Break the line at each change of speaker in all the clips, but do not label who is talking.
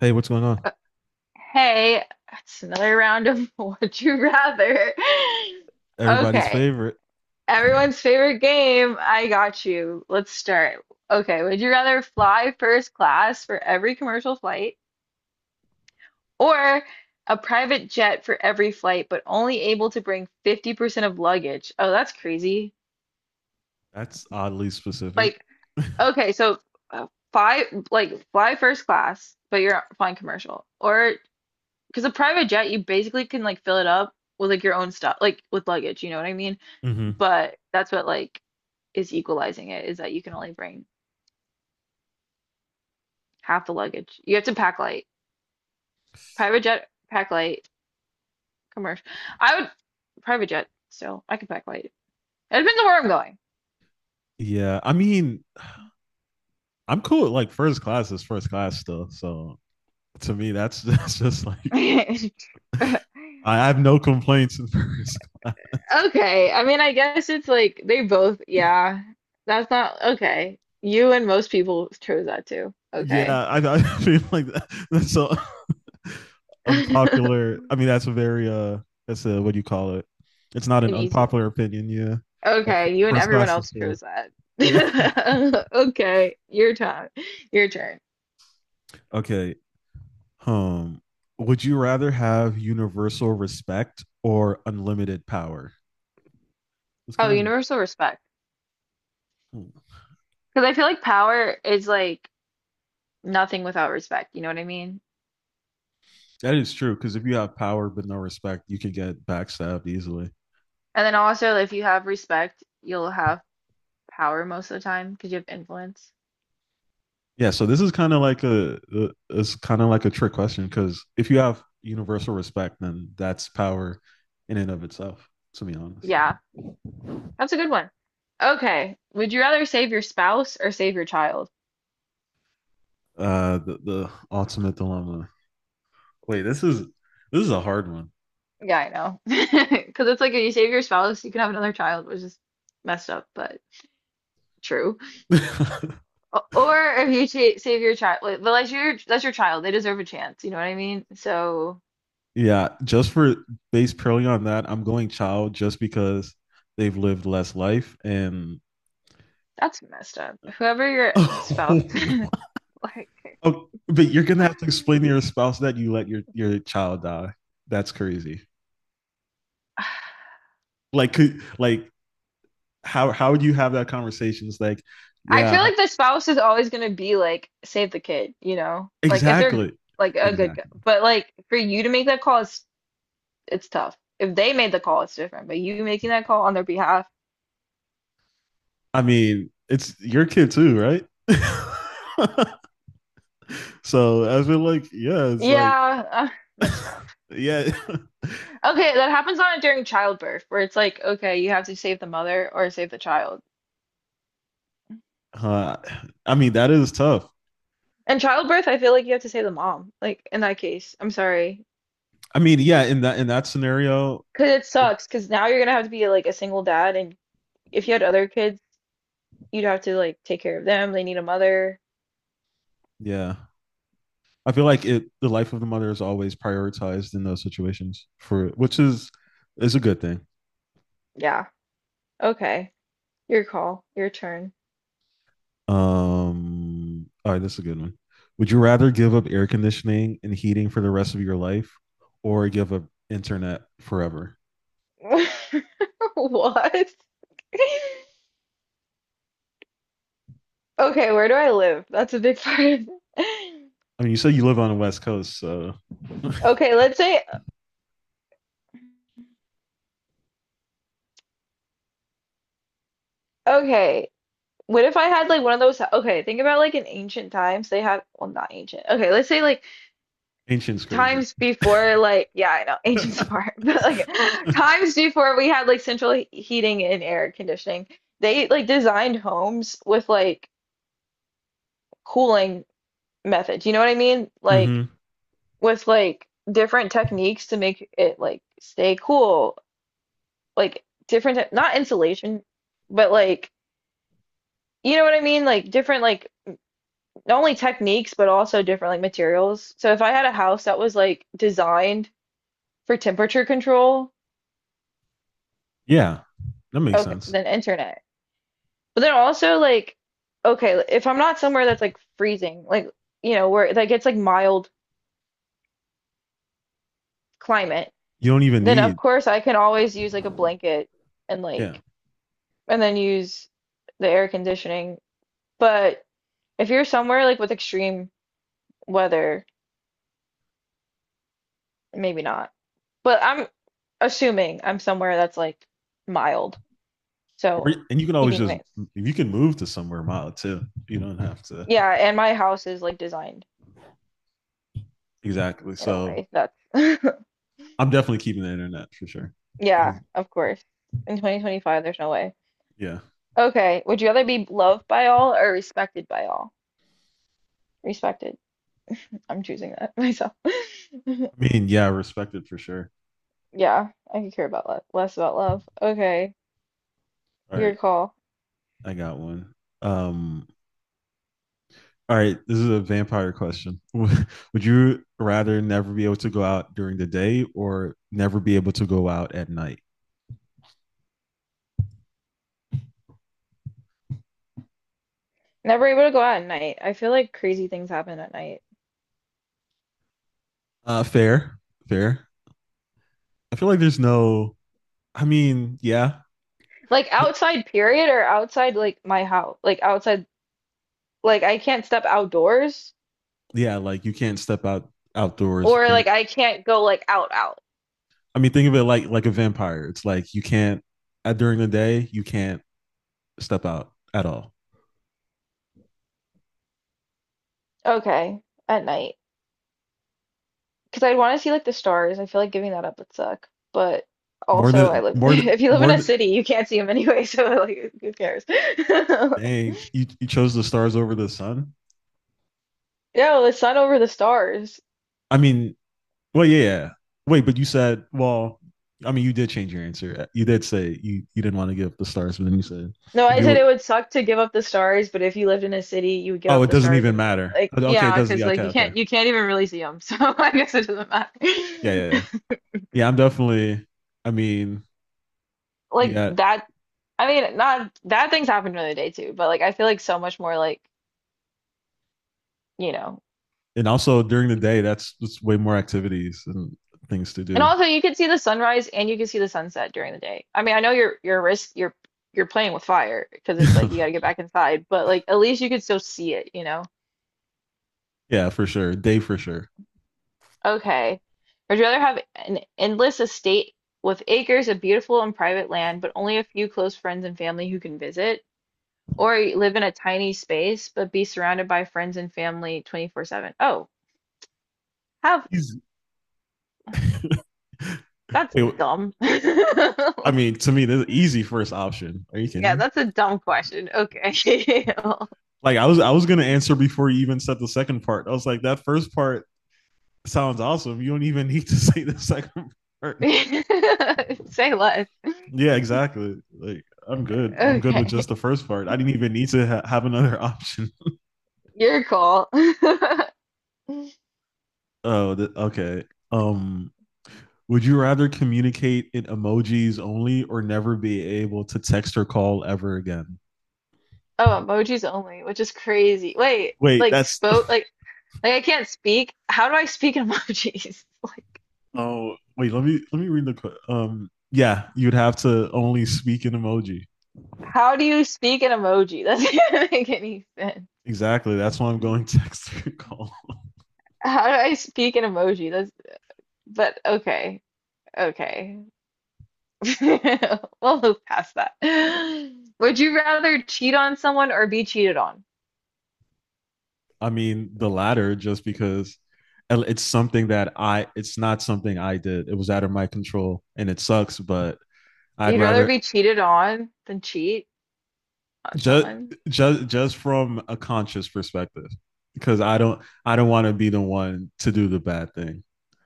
Hey, what's going on?
Uh, Hey, it's another round of Would You Rather.
Everybody's
Okay,
favorite.
everyone's favorite game. I got you. Let's start. Okay, would you rather fly first class for every commercial flight or a private jet for every flight, but only able to bring 50% of luggage? Oh, that's crazy.
That's oddly specific.
Like, okay, so fly like fly first class, but you're flying commercial, or because a private jet, you basically can like fill it up with like your own stuff, like with luggage, you know what I mean?
Hmm.
But that's what like is equalizing it is that you can only bring half the luggage. You have to pack light. Private jet, pack light, commercial. I would private jet so I could pack light. It depends on where
Yeah, I mean, I'm cool with, like, first class is first class still. So to me, that's that's just like.
I'm going.
I have no complaints in first class.
Okay. I mean, I guess it's like they both, yeah. That's not okay. You and most people chose that too. Okay.
Yeah, I feel like that's so
An
unpopular. I mean, that's a very that's a what do you call it? It's not an
easy one.
unpopular opinion. Yeah, like
Okay, you and
first
everyone
class is
else
cool.
chose that.
Yeah.
Okay, your time, your turn.
Okay. Um, would you rather have universal respect or unlimited power? It's
Oh,
kind of.
universal respect.
Hmm.
Because I feel like power is like nothing without respect. You know what I mean?
That is true because if you have power but no respect, you can get backstabbed easily.
And then also, if you have respect, you'll have power most of the time because you have influence.
Yeah, so this is kind of like a- it's kind of like a trick question because if you have universal respect, then that's power in and of itself. To be honest,
Yeah, that's a good one. Okay, would you rather save your spouse or save your child?
the ultimate dilemma. Wait, this is a hard one.
Yeah, I know. Because it's like if you save your spouse, you can have another child, which is messed up, but true. O- Or if you cha- save your child, like, but that's your child. They deserve a chance. You know what I mean? So
Yeah, just for based purely on that, I'm going child just because they've lived less life, and
that's messed up. Whoever your spouse,
oh,
like,
but you're gonna have to explain to your spouse that you let your child die. That's crazy. Like could like how would you have that conversation? It's like,
I
yeah,
feel like the spouse is always gonna be like, save the kid. You know, like if they're
exactly.
like a good, g-
Exactly.
but like for you to make that call, it's tough. If they made the call, it's different. But you making that call on their behalf,
I mean, it's your kid too, right? so I've like, yeah, it's like
yeah, that's tough.
yeah.
Okay, that happens a during childbirth, where it's like, okay, you have to save the mother or save the child.
Uh, I mean, that is tough.
And childbirth, I feel like you have to say the mom, like in that case. I'm sorry.
I mean, yeah, in that scenario,
'Cause it sucks, 'cause now you're gonna have to be like a single dad, and if you had other kids, you'd have to like take care of them. They need a mother.
yeah. I feel like
It's,
it the life of the mother is always prioritized in those situations, for which is a good thing.
yeah. Okay. Your call. Your turn.
All right, this is a good one. Would you rather give up air conditioning and heating for the rest of your life or give up internet forever?
What? Okay, where do I live? That's a big part.
I mean, you said you live on the West Coast, so
Okay, let's say, okay, what if I had like one of those? Okay, think about like in ancient times, they had, well, not ancient. Okay, let's say like
ancient's crazy.
times before like yeah I know ancient's
Mm-hmm.
far but like times before we had like central he- heating and air conditioning they like designed homes with like cooling methods you know what I mean like with like different techniques to make it like stay cool like different te- not insulation but like you know what I mean like different like not only techniques but also different like materials so if I had a house that was like designed for temperature control
Yeah, that makes
okay
sense.
then internet. But then also like okay, if I'm not somewhere that's like freezing, like you know, where that gets like mild climate,
You don't even
then of
need,
course I can always use like a blanket and
yeah,
like and then use the air conditioning. But if you're somewhere like with extreme weather, maybe not. But I'm assuming I'm somewhere that's like mild.
or
So
and you can always
keeping
just,
my
you can move to somewhere mild too. You don't have to.
yeah, and my house is like designed
Exactly.
in a
So
way that's
I'm definitely keeping the internet for sure.
yeah,
Easy.
of course. In 2025, there's no way.
Yeah,
Okay. Would you rather be loved by all or respected by all? Respected. I'm choosing that myself.
I mean, yeah, I respect it for sure.
Yeah, I could care about love, less about love. Okay,
All right,
your call.
I got one. Um, all right, this is a vampire question. Would you rather never be able to go out during the day or never be able to go out at night?
Never able to go out at night. I feel like crazy things happen at night.
Fair, fair. I feel like there's no. I mean, yeah,
Like
Th-
outside, period, or outside like my house. Like outside, like I can't step outdoors
yeah. Like you can't step out outdoors.
or
When the,
like I can't go like out out.
I mean, think of it like a vampire. It's like you can't during the day. You can't step out at all.
Okay, at night. Because I'd want to see like the stars. I feel like giving that up would suck. But
More
also, I
than
live
more than
if you live in
more
a
than
city, you can't see them anyway. So like, who cares?
dang, you chose the stars over the sun.
Like, no, the sun over the stars.
I mean, well, yeah, yeah. Wait, but you said well. I mean, you did change your answer. You did say you you didn't want to give up the stars, but then you said
No,
if
I
you
said it
look,
would suck to give up the stars, but if you lived in a city, you would give
oh,
up
it
the
doesn't
stars
even
anyway.
matter.
Like,
Okay, it
yeah,
doesn't.
because
Yeah,
like
okay,
you
okay.
can't you can't even really see them. So I guess it doesn't matter.
Yeah, yeah, yeah. Yeah, I'm definitely. I mean,
Like
yeah,
that. I mean, not that things happen during the day too, but like I feel like so much more like you know.
and also during the day, that's just way more activities and things to
And
do.
also, you can see the sunrise and you can see the sunset during the day. I mean, I know you're risk you're playing with fire because it's like you got to get back inside, but like at least you could still see it, you know?
Yeah, for sure. Day for sure.
Okay. Would you rather have an endless estate with acres of beautiful and private land, but only a few close friends and family who can visit, or live in a tiny space but be surrounded by friends and family 24/7? Oh, have
Easy.
that's
Wait,
dumb.
I mean, to me, the easy first option. Are you kidding
Yeah,
me?
that's a dumb question. Okay.
Like I was gonna answer before you even said the second part. I was like, that first part sounds awesome. You don't even need to say the second part.
Say less.
Yeah, exactly. Like I'm good. I'm good with just
Okay.
the first part. I didn't even need to have another option.
Your call.
Oh, okay. Um, would you rather communicate in emojis only or never be able to text or call ever again?
Oh, emojis only, which is crazy. Wait,
Wait,
like
that's
spoke like I can't speak. How do I speak in emojis? Like
oh wait, let me read the yeah, you'd have to only speak in emoji.
how do you speak in emoji? That doesn't make any sense.
Exactly. That's why I'm going text or call.
How do I speak in emoji? That's but okay. Okay. We'll move past that. Would you rather cheat on someone or be cheated on?
I mean, the latter just because it's something that I it's not something I did. It was out of my control and it sucks, but I'd
You'd rather
rather
be cheated on than cheat? On
just
someone.
just from a conscious perspective, because I don't want to be the one to do the bad thing,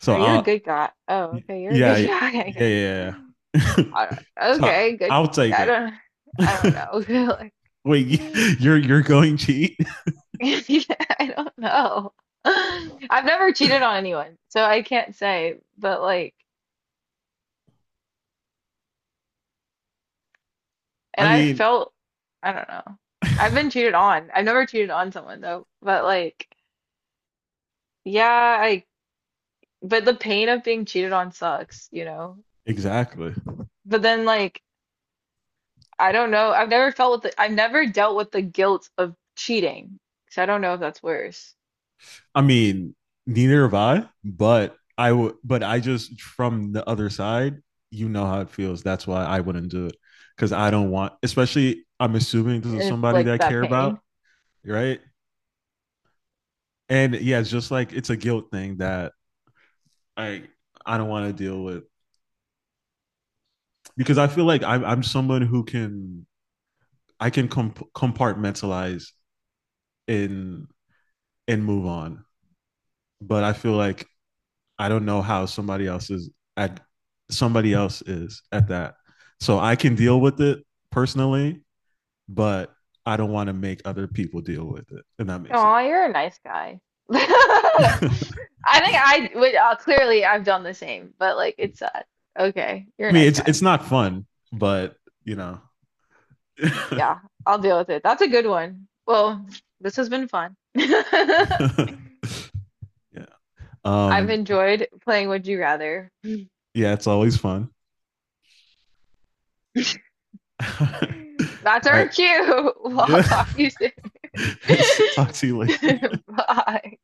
so
Are you a
I'll
good guy? Oh, okay, you're a
yeah,
good guy, I
yeah,
guess.
yeah, yeah.
I don't,
So
okay, good.
I'll take
I
it.
don't, I don't know.
Wait,
Like,
you're going cheat.
yeah, I don't know. I've never cheated on anyone, so I can't say, but like, and
I
I've
mean,
felt, I don't know. I've been cheated on. I've never cheated on someone though, but like, yeah, I, but the pain of being cheated on sucks, you know?
exactly.
But then like, I don't know. I've never felt with the, I've never dealt with the guilt of cheating. So I don't know if that's worse.
I mean, neither have I, but I would but I just from the other side. You know how it feels. That's why I wouldn't do it, because I don't want, especially I'm assuming this is
And if
somebody
like
that I
that
care about.
pain.
Right. And yeah, it's just like it's a guilt thing that I I don't want to deal with, because I feel like I'm someone who can compartmentalize and and move on, but I feel like I don't know how at somebody else is at that. So I can deal with it personally, but I don't want to make other people deal with it. And that makes sense.
Oh, you're a nice guy. I think I would clearly I've done the same, but like it's sad. Okay, you're
I
a
mean,
nice
it's
guy.
it's not fun, but you know,
Yeah, I'll deal with it. That's a good one. Well, this has been fun. I've
yeah, um,
enjoyed playing Would You Rather.
yeah, it's always fun. All right. All
That's
right.
our cue. Well, I'll
Yeah.
talk to you soon.
Talk to you later.
Bye.